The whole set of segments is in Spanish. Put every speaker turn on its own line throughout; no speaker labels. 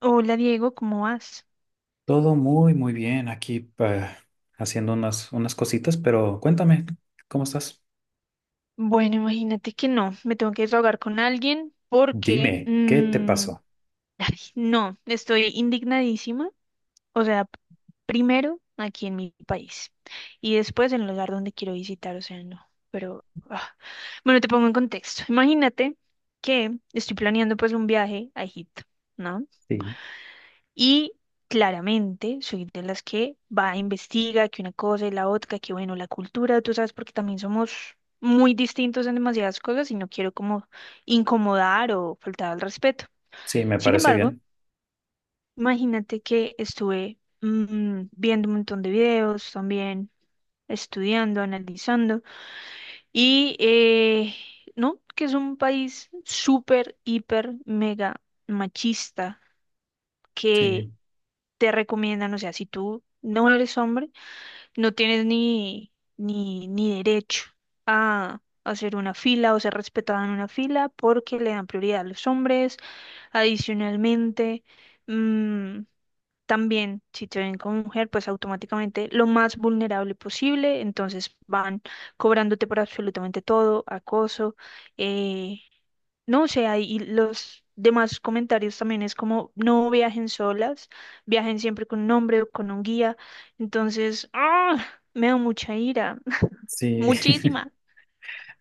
Hola Diego, ¿cómo vas?
Todo muy bien aquí haciendo unas cositas, pero cuéntame, ¿cómo estás?
Bueno, imagínate que no, me tengo que desahogar con alguien porque
Dime, ¿qué te pasó?
no, estoy indignadísima. O sea, primero aquí en mi país y después en el lugar donde quiero visitar, o sea, no. Pero ah. Bueno, te pongo en contexto. Imagínate que estoy planeando pues un viaje a Egipto, ¿no?
Sí.
Y claramente soy de las que va a investiga que una cosa y la otra, que bueno, la cultura, tú sabes, porque también somos muy distintos en demasiadas cosas y no quiero como incomodar o faltar al respeto.
Sí, me
Sin
parece
embargo,
bien.
imagínate que estuve viendo un montón de videos también, estudiando, analizando y no, que es un país súper, hiper, mega machista que
Sí,
te recomiendan, o sea, si tú no eres hombre, no tienes ni derecho a hacer una fila o ser respetado en una fila porque le dan prioridad a los hombres. Adicionalmente, mm, también si te ven como mujer, pues automáticamente lo más vulnerable posible, entonces van cobrándote por absolutamente todo, acoso, eh, no, o sea, y los demás comentarios también es como, no viajen solas, viajen siempre con un hombre o con un guía. Entonces, ¡ah! Me da mucha ira,
sí.
muchísima.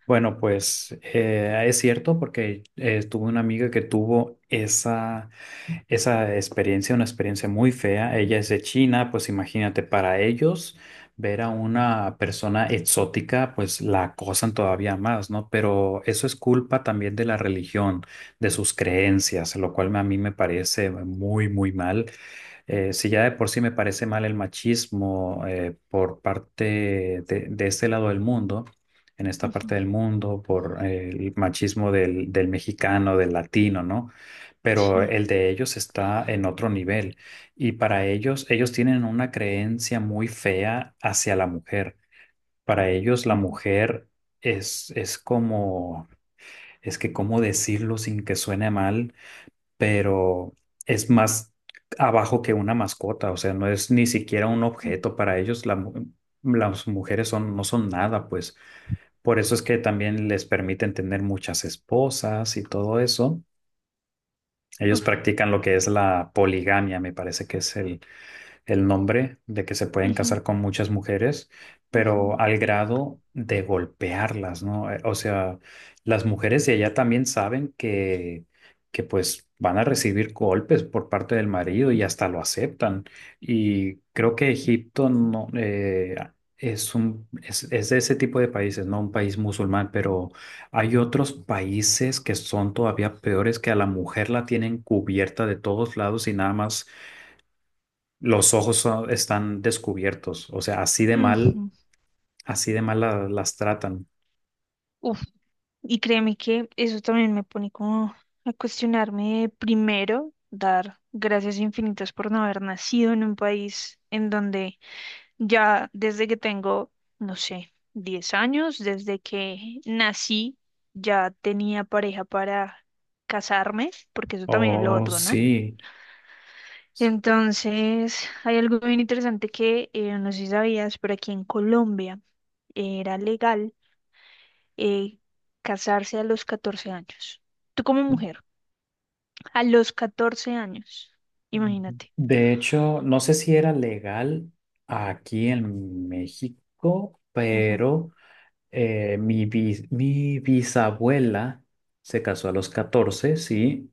Bueno, pues es cierto porque tuve una amiga que tuvo esa experiencia, una experiencia muy fea. Ella es de China, pues imagínate, para ellos ver a una persona exótica, pues la acosan todavía más, ¿no? Pero eso es culpa también de la religión, de sus creencias, lo cual a mí me parece muy mal. Si ya de por sí me parece mal el machismo por de este lado del mundo, en esta
Ujú.
parte del mundo, por el machismo del mexicano, del latino, ¿no? Pero
Sí.
el de ellos está en otro nivel y para ellos, ellos tienen una creencia muy fea hacia la mujer. Para ellos la
Ujú,
mujer es como, es que cómo decirlo sin que suene mal pero es más abajo que una mascota, o sea, no es ni siquiera un
ujú.
objeto para ellos, las mujeres son, no son nada, pues por eso es que también les permiten tener muchas esposas y todo eso. Ellos
Uf.
practican lo que es la poligamia, me parece que es el nombre de que se pueden
Ujú,
casar con muchas mujeres, pero
ujú,
al grado de golpearlas, ¿no? O sea, las mujeres de allá también saben que pues van a recibir golpes por parte del marido y hasta lo aceptan. Y creo que Egipto no, es es de ese tipo de países, no un país musulmán, pero hay otros países que son todavía peores que a la mujer la tienen cubierta de todos lados y nada más los están descubiertos, o sea,
ujú.
así de mal las tratan.
Uf. Y créeme que eso también me pone como a cuestionarme primero, dar gracias infinitas por no haber nacido en un país en donde ya desde que tengo, no sé, 10 años, desde que nací, ya tenía pareja para casarme, porque eso también es lo
Oh,
otro, ¿no?
sí.
Entonces, hay algo bien interesante que no sé si sabías, pero aquí en Colombia era legal eh, casarse a los 14 años. Tú como mujer, a los 14 años, imagínate.
De hecho, no sé si era legal aquí en México,
Ujú.
pero mi bisabuela se casó a los 14, sí,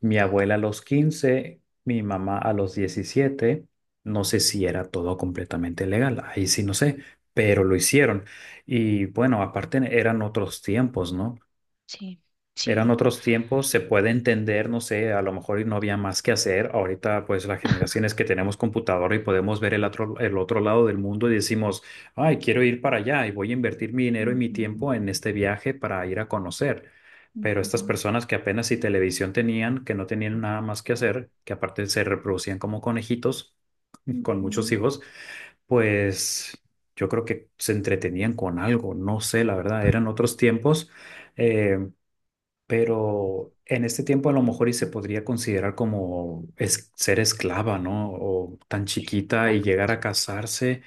mi abuela a los 15, mi mamá a los 17. No sé si era todo completamente legal, ahí sí no sé, pero lo hicieron. Y bueno, aparte eran otros tiempos, ¿no?
Sí,
Eran
sí.
otros tiempos, se puede entender, no sé, a lo mejor y no había más que hacer. Ahorita, pues, las generaciones que tenemos computadora y podemos ver el otro lado del mundo y decimos, ay, quiero ir para allá y voy a invertir mi dinero y mi
Ujú,
tiempo en este viaje para ir a conocer. Pero estas
ujú,
personas que apenas si televisión tenían, que no tenían nada más que hacer, que aparte se reproducían como conejitos con muchos
ujú.
hijos, pues yo creo que se entretenían con algo, no sé, la verdad, eran otros tiempos. Eh, pero en este tiempo a lo mejor y se podría considerar como ser esclava, ¿no? O tan chiquita y
Exacto.
llegar a casarse,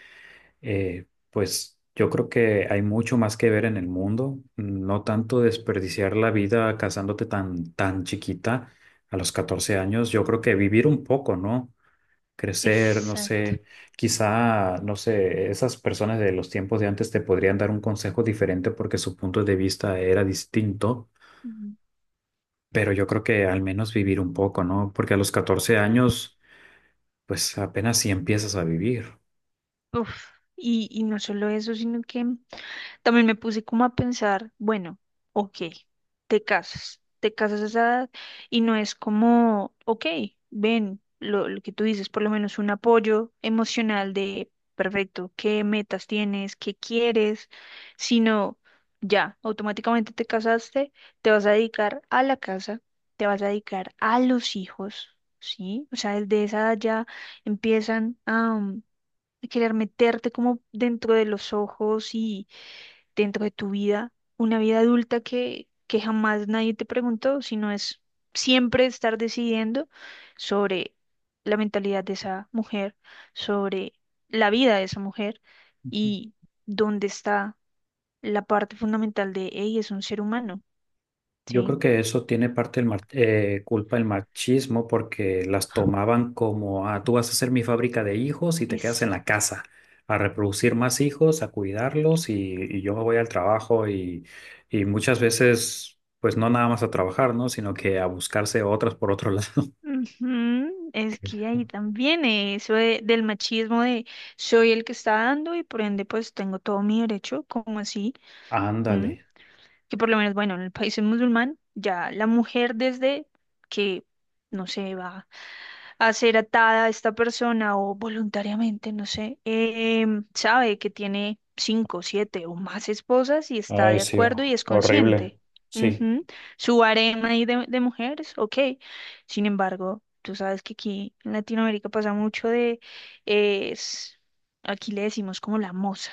pues yo creo que hay mucho más que ver en el mundo, no tanto desperdiciar la vida casándote tan chiquita a los 14 años, yo creo que vivir un poco, ¿no? Crecer, no
Exacto.
sé, quizá, no sé, esas personas de los tiempos de antes te podrían dar un consejo diferente porque su punto de vista era distinto
Ujú.
pero yo creo que al menos vivir un poco, ¿no? Porque a los 14 años, pues apenas si empiezas a vivir.
Uf, y no solo eso, sino que también me puse como a pensar, bueno, ok, te casas a esa edad y no es como, ok, ven, lo que tú dices, por lo menos un apoyo emocional de, perfecto, qué metas tienes, qué quieres, sino ya, automáticamente te casaste, te vas a dedicar a la casa, te vas a dedicar a los hijos, ¿sí? O sea, desde esa edad ya empiezan a querer meterte como dentro de los ojos dentro de tu vida, una vida adulta que jamás nadie te preguntó, sino es siempre estar decidiendo sobre la mentalidad de esa mujer, sobre la vida de esa mujer y dónde está la parte fundamental de ella, es un ser humano,
Yo
¿sí?
creo que eso tiene parte culpa el machismo porque las tomaban como, ah, tú vas a ser mi fábrica de hijos y te quedas en la
Exacto.
casa a reproducir más hijos, a cuidarlos y yo me voy al trabajo y muchas veces, pues no nada más a trabajar, ¿no? Sino que a buscarse otras por otro lado.
Ujú. Es que ahí también eso del machismo de soy el que está dando y por ende pues tengo todo mi derecho, ¿como así?
Ándale.
Que por lo menos, bueno, en el país musulmán, ya la mujer desde que, no sé, va a ser atada a esta persona o voluntariamente, no sé, sabe que tiene cinco, siete o más esposas y está
Ay,
de
sí,
acuerdo y es
horrible.
consciente.
Sí,
Ujú. Su harem ahí de mujeres, ok. Sin embargo, tú sabes que aquí en Latinoamérica pasa mucho es, aquí le decimos como la moza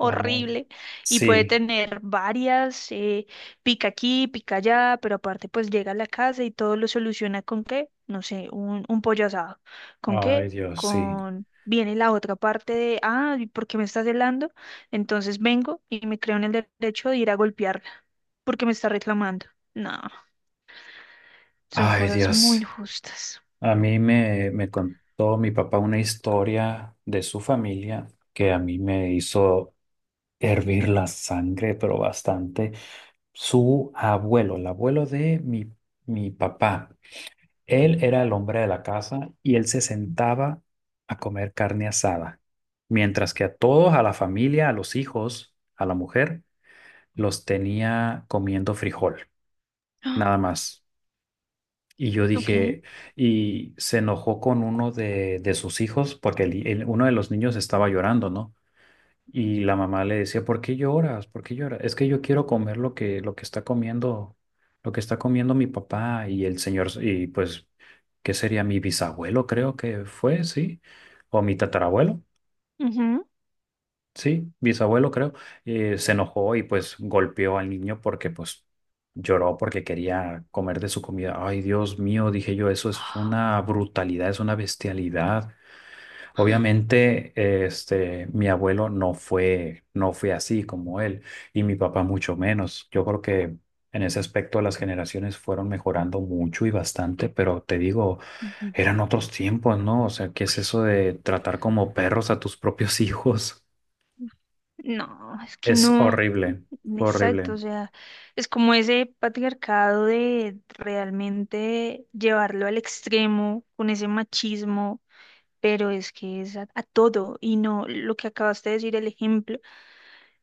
la moda.
y puede
Sí.
tener varias, pica aquí, pica allá, pero aparte pues llega a la casa y todo lo soluciona con qué, no sé, un pollo asado. ¿Con
Ay,
qué?
Dios, sí.
Viene la otra parte de, ¿y por qué me estás celando? Entonces vengo y me creo en el derecho de ir a golpearla porque me está reclamando. No, son
Ay,
cosas muy
Dios.
injustas.
A me contó mi papá una historia de su familia que a mí me hizo hervir la sangre, pero bastante. Su abuelo, el abuelo mi papá, él era el hombre de la casa y él se sentaba a comer carne asada, mientras que a todos, a la familia, a los hijos, a la mujer, los tenía comiendo frijol,
Ah,
nada más. Y yo
ok.
dije, y se enojó con uno de sus hijos porque uno de los niños estaba llorando, ¿no? Y la mamá le decía, ¿por qué lloras? ¿Por qué lloras? Es que yo quiero comer lo que está comiendo, lo que está comiendo mi papá y el señor, y pues, ¿qué sería mi bisabuelo? Creo que fue, sí, o mi tatarabuelo.
Ujú.
Sí, bisabuelo creo, se enojó y pues golpeó al niño porque pues lloró porque quería comer de su comida. Ay, Dios mío, dije yo, eso es una brutalidad, es una bestialidad.
Ah,
Obviamente, mi abuelo no fue así como él y mi papá mucho menos. Yo creo que en ese aspecto las generaciones fueron mejorando mucho y bastante, pero te digo,
ujú.
eran otros tiempos, ¿no? O sea, ¿qué
Pues
es
sí.
eso de tratar como perros a tus propios hijos?
No, es que
Es
no.
horrible,
Exacto, o
horrible.
sea, es como ese patriarcado de realmente llevarlo al extremo con ese machismo, pero es que es a todo y no lo que acabaste de decir, el ejemplo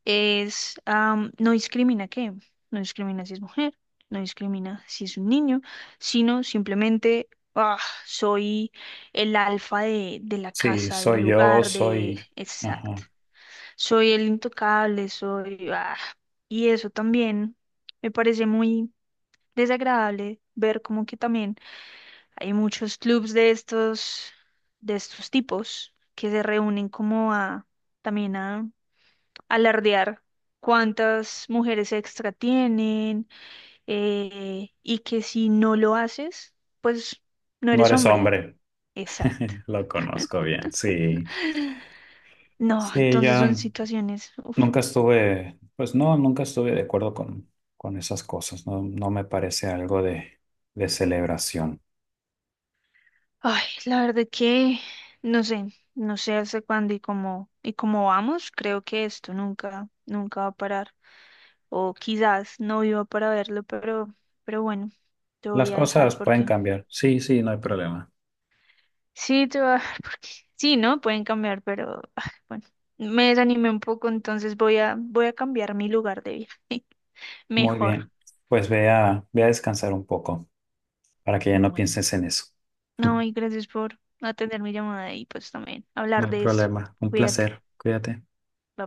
es no discrimina qué, no discrimina si es mujer, no discrimina si es un niño, sino simplemente ah, soy el alfa de la
Sí,
casa, del
soy yo,
lugar.
soy...
Exacto.
Ajá.
Soy el intocable. Y eso también me parece muy desagradable ver como que también hay muchos clubs de estos, tipos que se reúnen como a también a alardear cuántas mujeres extra tienen y que si no lo haces, pues no
No
eres
eres
hombre.
hombre.
Exacto.
Lo conozco bien, sí.
No,
Sí,
entonces son
ya
situaciones. Uf.
nunca estuve, pues no, nunca estuve de acuerdo con esas cosas. No, no me parece algo de celebración.
Ay, la verdad que no sé, no sé hasta cuándo y cómo vamos, creo que esto nunca, nunca va a parar. O quizás no viva para verlo, pero, bueno, te
Las
voy a dejar
cosas pueden
porque
cambiar. Sí, sí, no hay problema.
sí, te voy a dejar porque sí, ¿no? Pueden cambiar, pero bueno, me desanimé un poco, entonces voy a cambiar mi lugar de viaje.
Muy
Mejor.
bien. Pues ve ve a descansar un poco para que ya no
Bueno,
pienses en eso.
no, y gracias por atender mi llamada y pues también
No
hablar
hay
de esto.
problema. Un
Cuídate.
placer. Cuídate.
Bye.